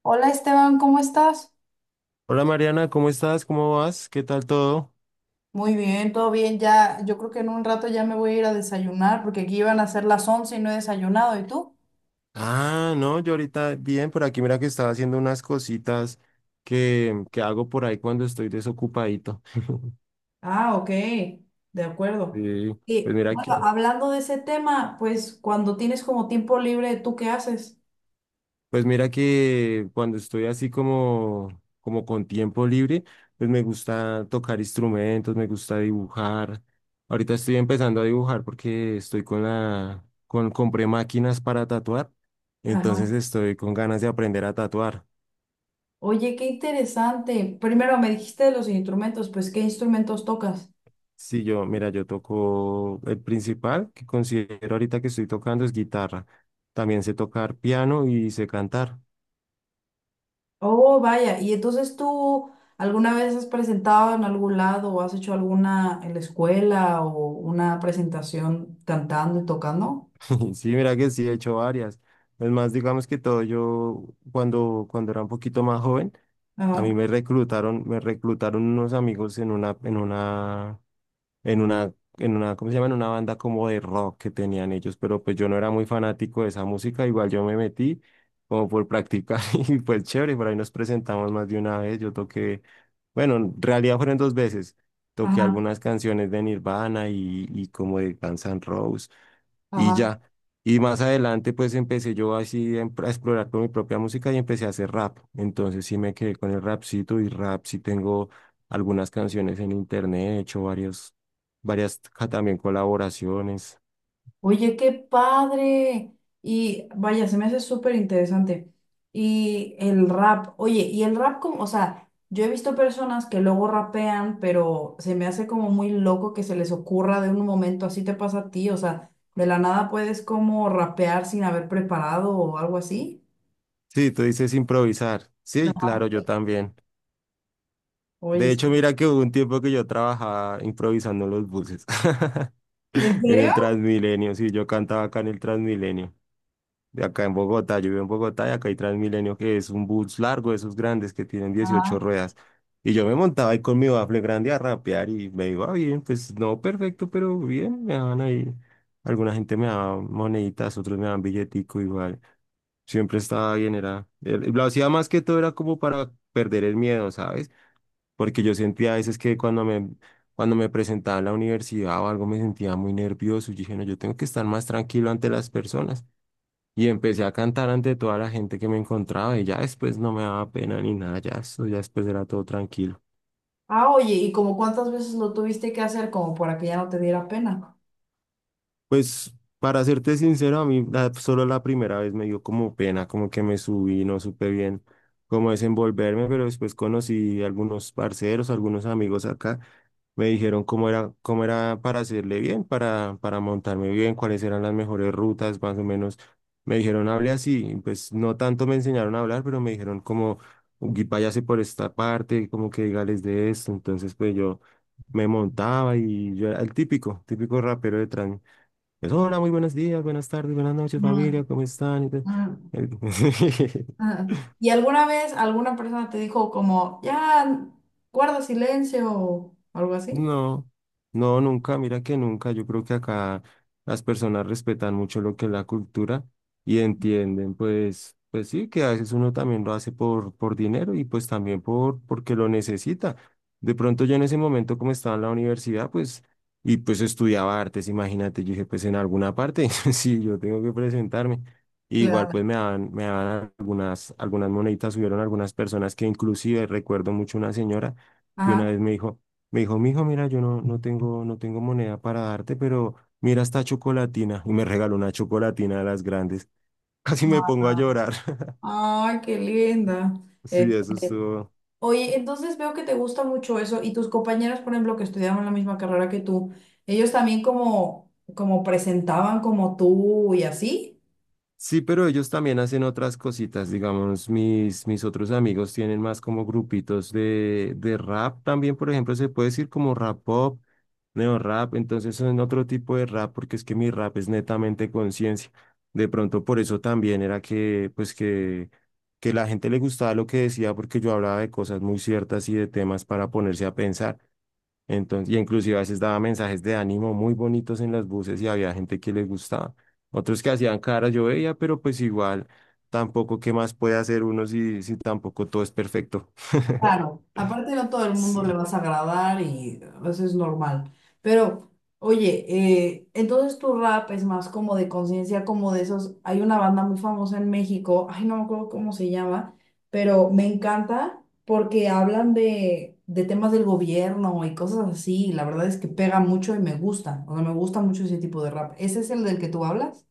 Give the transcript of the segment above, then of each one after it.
Hola Esteban, ¿cómo estás? Hola Mariana, ¿cómo estás? ¿Cómo vas? ¿Qué tal todo? Muy bien, todo bien. Ya, yo creo que en un rato ya me voy a ir a desayunar porque aquí iban a ser las 11 y no he desayunado. ¿Y tú? Ah, no, yo ahorita bien, por aquí mira que estaba haciendo unas cositas que hago por ahí cuando estoy desocupadito. Ah, ok, de acuerdo. Sí, pues Y mira bueno, que, hablando de ese tema, pues cuando tienes como tiempo libre, ¿tú qué haces? pues mira que cuando estoy así como con tiempo libre, pues me gusta tocar instrumentos, me gusta dibujar. Ahorita estoy empezando a dibujar porque estoy compré máquinas para tatuar, Ajá. entonces estoy con ganas de aprender a tatuar. Oye, qué interesante. Primero me dijiste de los instrumentos, pues ¿qué instrumentos tocas? Sí, yo, mira, yo toco el principal que considero ahorita que estoy tocando es guitarra. También sé tocar piano y sé cantar. Oh, vaya. ¿Y entonces tú alguna vez has presentado en algún lado o has hecho alguna en la escuela o una presentación cantando y tocando? Sí, mira que sí, he hecho varias. Es más, digamos que todo, yo cuando era un poquito más joven, a Ajá, mí me reclutaron unos amigos en una, en una, ¿cómo se llama? En una banda como de rock que tenían ellos, pero pues yo no era muy fanático de esa música, igual yo me metí como por practicar y pues chévere, por ahí nos presentamos más de una vez, yo toqué, bueno, en realidad fueron dos veces, toqué ajá, algunas canciones de Nirvana y como de Guns N' Roses y ajá. ya. Y más adelante pues empecé yo así a explorar con mi propia música y empecé a hacer rap. Entonces sí me quedé con el rapcito y rap sí tengo algunas canciones en internet, he hecho también colaboraciones. Oye, qué padre. Y vaya, se me hace súper interesante. Y el rap, oye, y el rap como, o sea, yo he visto personas que luego rapean, pero se me hace como muy loco que se les ocurra de un momento, así te pasa a ti, o sea, de la nada puedes como rapear sin haber preparado o algo así. Sí, tú dices improvisar. Sí, claro, yo también. Oye, De hecho, mira que hubo un tiempo que yo trabajaba improvisando en los buses, ¿en en el serio? Transmilenio, sí, yo cantaba acá en el Transmilenio, de acá en Bogotá. Yo vivo en Bogotá y acá hay Transmilenio, que es un bus largo, de esos grandes que tienen 18 Ah, ruedas. Y yo me montaba ahí con mi bafle grande a rapear y me iba bien, pues no perfecto, pero bien, me daban ahí. Alguna gente me daba moneditas, otros me daban billetico igual. Siempre estaba bien, lo hacía más que todo era como para perder el miedo, ¿sabes? Porque yo sentía a veces que cuando me presentaba en la universidad o algo me sentía muy nervioso. Yo dije, no, yo tengo que estar más tranquilo ante las personas. Y empecé a cantar ante toda la gente que me encontraba y ya después no me daba pena ni nada, ya eso, ya después era todo tranquilo. ah, oye, ¿y como cuántas veces lo tuviste que hacer como para que ya no te diera pena? Pues para serte sincero, a mí solo la primera vez me dio como pena, como que me subí, no supe bien cómo desenvolverme, pero después conocí algunos parceros, algunos amigos acá, me dijeron cómo era para hacerle bien, para montarme bien, cuáles eran las mejores rutas, más o menos. Me dijeron, hable así, y pues no tanto me enseñaron a hablar, pero me dijeron como, "Gui, váyase por esta parte, como que dígales de esto". Entonces pues yo me montaba y yo era el típico, típico rapero de trans. Pues, hola, muy buenos días, buenas tardes, buenas noches, Mm, familia, ¿cómo están? Mm. el- Ajá. ¿Y alguna vez alguna persona te dijo como, ya, guarda silencio o algo así? No, no, nunca, mira que nunca. Yo creo que acá las personas respetan mucho lo que es la cultura y entienden, pues sí, que a veces uno también lo hace por dinero y pues también porque lo necesita. De pronto yo en ese momento como estaba en la universidad, pues, y pues estudiaba artes, imagínate, yo dije, pues en alguna parte, sí, yo tengo que presentarme. Igual Claro. pues me daban algunas moneditas, hubieron algunas personas que inclusive recuerdo mucho una señora que una Ajá. vez me dijo, mijo, mira, yo no tengo moneda para darte, pero mira esta chocolatina. Y me regaló una chocolatina de las grandes. Casi me pongo a llorar. Ay, qué linda. Sí, Es- eso estuvo. Oye, entonces veo que te gusta mucho eso y tus compañeras, por ejemplo, que estudiaban la misma carrera que tú, ellos también como, como presentaban como tú y así. Sí, pero ellos también hacen otras cositas, digamos, mis otros amigos tienen más como grupitos de rap también, por ejemplo, se puede decir como rap pop, neo rap, entonces son otro tipo de rap porque es que mi rap es netamente conciencia. De pronto por eso también era que la gente le gustaba lo que decía porque yo hablaba de cosas muy ciertas y de temas para ponerse a pensar. Entonces, y inclusive a veces daba mensajes de ánimo muy bonitos en las buses y había gente que les gustaba. Otros que hacían caras, yo veía, pero pues igual tampoco qué más puede hacer uno si tampoco todo es perfecto. Claro, aparte no todo el mundo le Sí. vas a agradar y eso es normal. Pero, oye, entonces tu rap es más como de conciencia, como de esos. Hay una banda muy famosa en México, ay, no me acuerdo cómo se llama, pero me encanta porque hablan de temas del gobierno y cosas así, y la verdad es que pega mucho y me gusta. O sea, me gusta mucho ese tipo de rap. ¿Ese es el del que tú hablas?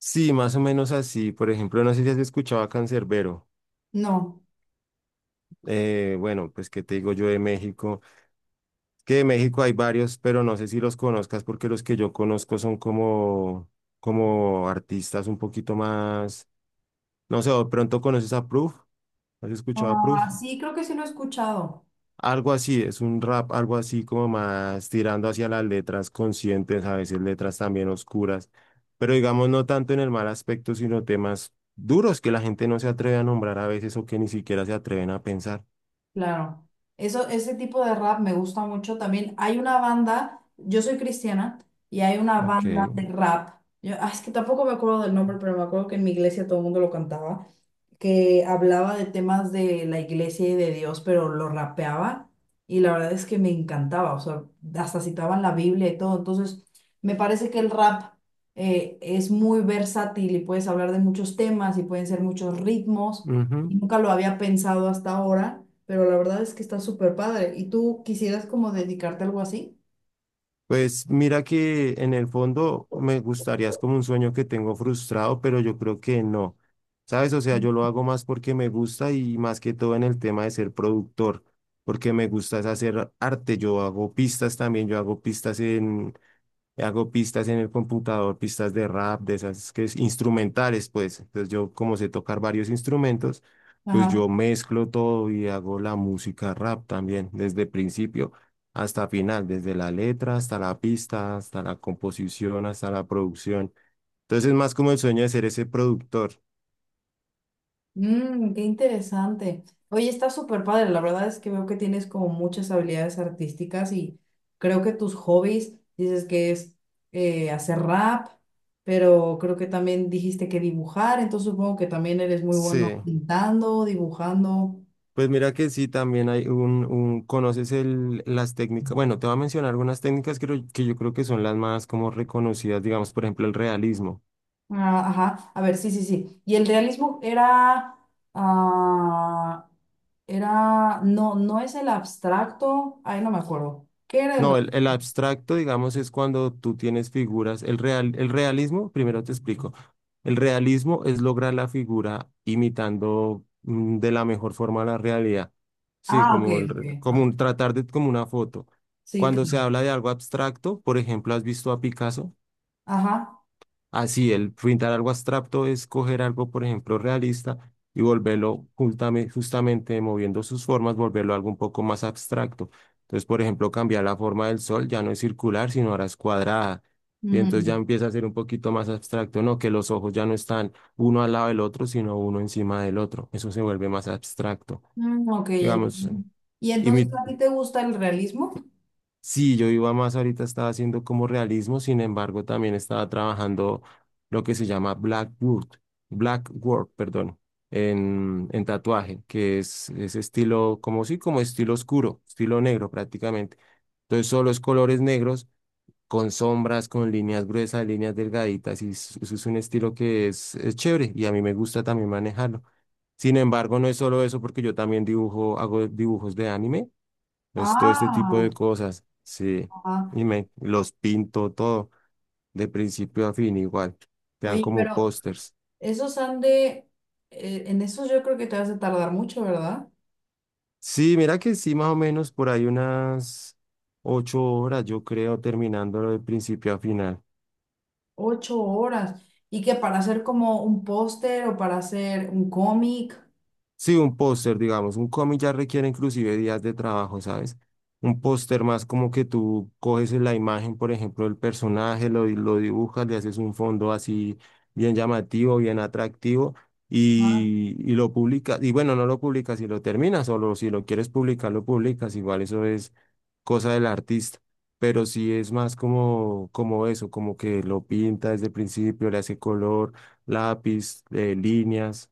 Sí, más o menos así. Por ejemplo, no sé si has escuchado a Cancerbero. No. Bueno, pues qué te digo yo de México. Que de México hay varios, pero no sé si los conozcas porque los que yo conozco son como artistas un poquito más. No sé, ¿o de pronto conoces a Proof? ¿Has escuchado a Proof? Ah, sí, creo que sí lo he escuchado. Algo así, es un rap, algo así como más tirando hacia las letras conscientes, a veces letras también oscuras, pero digamos no tanto en el mal aspecto, sino temas duros que la gente no se atreve a nombrar a veces o que ni siquiera se atreven a pensar. Claro, eso, ese tipo de rap me gusta mucho. También hay una banda, yo soy cristiana, y hay una Ok. banda de rap. Yo, ah, es que tampoco me acuerdo del nombre, pero me acuerdo que en mi iglesia todo el mundo lo cantaba que hablaba de temas de la iglesia y de Dios, pero lo rapeaba y la verdad es que me encantaba, o sea, hasta citaban la Biblia y todo, entonces me parece que el rap es muy versátil y puedes hablar de muchos temas y pueden ser muchos ritmos y Ujú. nunca lo había pensado hasta ahora, pero la verdad es que está súper padre. ¿Y tú quisieras como dedicarte a algo así? Pues mira que en el fondo me gustaría, es como un sueño que tengo frustrado, pero yo creo que no. ¿Sabes? O sea, yo lo hago más porque me gusta y más que todo en el tema de ser productor, porque me gusta es hacer arte. Yo hago pistas también, yo hago pistas en, Hago pistas en el computador, pistas de rap, de esas que es instrumentales, pues. Entonces yo, como sé tocar varios instrumentos, pues yo mezclo todo y hago la música rap también, desde principio hasta final, desde la letra hasta la pista, hasta la composición, hasta la producción. Entonces es más como el sueño de ser ese productor. Mm, qué interesante. Oye, está súper padre. La verdad es que veo que tienes como muchas habilidades artísticas y creo que tus hobbies, dices que es hacer rap, pero creo que también dijiste que dibujar, entonces supongo que también eres muy bueno Sí. pintando, dibujando. Pues mira que sí, también hay un conoces las técnicas, bueno, te voy a mencionar algunas técnicas que yo creo que son las más como reconocidas, digamos, por ejemplo, el realismo. Ah, ajá, a ver, sí, sí, sí. Y el realismo era, ah, era, no, no es el abstracto, ay, no me acuerdo. ¿Qué era el? No, el abstracto, digamos, es cuando tú tienes figuras. El realismo, primero te explico. El realismo es lograr la figura imitando de la mejor forma la realidad. Sí, Ah, ok, como, el, re- ok. como Ah, un, tratar de como una foto. sí, Cuando se claro. habla de algo abstracto, por ejemplo, ¿has visto a Picasso? Ajá. Así, el pintar algo abstracto es coger algo, por ejemplo, realista y volverlo justamente, moviendo sus formas, volverlo algo un poco más abstracto. Entonces, por ejemplo, cambiar la forma del sol, ya no es circular, sino ahora es cuadrada. Y entonces ya Mm, empieza a ser un poquito más abstracto, ¿no? Que los ojos ya no están uno al lado del otro, sino uno encima del otro. Eso se vuelve más abstracto. mm, ok, Digamos. entiendo. ¿Y entonces a ti te gusta el realismo? Sí, yo iba más ahorita, estaba haciendo como realismo, sin embargo, también estaba trabajando lo que se llama Blackwood, Blackwork, perdón, en tatuaje, que es estilo, como sí, como estilo oscuro, estilo negro prácticamente. Entonces, solo es colores negros con sombras, con líneas gruesas, líneas delgaditas, y eso es un estilo que es chévere y a mí me gusta también manejarlo. Sin embargo, no es solo eso, porque yo también dibujo, hago dibujos de anime, es todo este tipo Ah, de cosas, sí, ajá. y me los pinto todo, de principio a fin igual, quedan Oye, como pero pósters. esos han de, en esos yo creo que te vas a tardar mucho, ¿verdad? Sí, mira que sí, más o menos por ahí unas 8 horas, yo creo, terminándolo de principio a final. 8 horas. ¿Y que para hacer como un póster o para hacer un cómic? Sí, un póster, digamos, un cómic ya requiere inclusive días de trabajo, ¿sabes? Un póster más como que tú coges la imagen, por ejemplo, del personaje, lo dibujas, le haces un fondo así bien llamativo, bien atractivo y lo publicas. Y bueno, no lo publicas si lo terminas, solo si lo quieres publicar, lo publicas. Igual eso es cosa del artista. Pero sí es más como, eso, como que lo pinta desde el principio, le hace color, lápiz, líneas,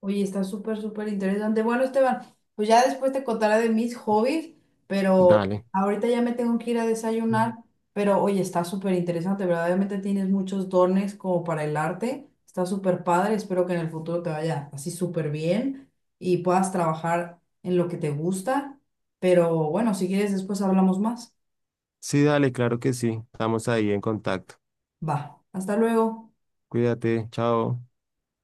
Oye, está súper, súper interesante. Bueno, Esteban, pues ya después te contaré de mis hobbies, pero dale. ahorita ya me tengo que ir a desayunar. Pero oye, está súper interesante. Verdaderamente tienes muchos dones como para el arte. Está súper padre. Espero que en el futuro te vaya así súper bien y puedas trabajar en lo que te gusta. Pero bueno, si quieres, después hablamos más. Sí, dale, claro que sí. Estamos ahí en contacto. Va, hasta luego. Cuídate, chao.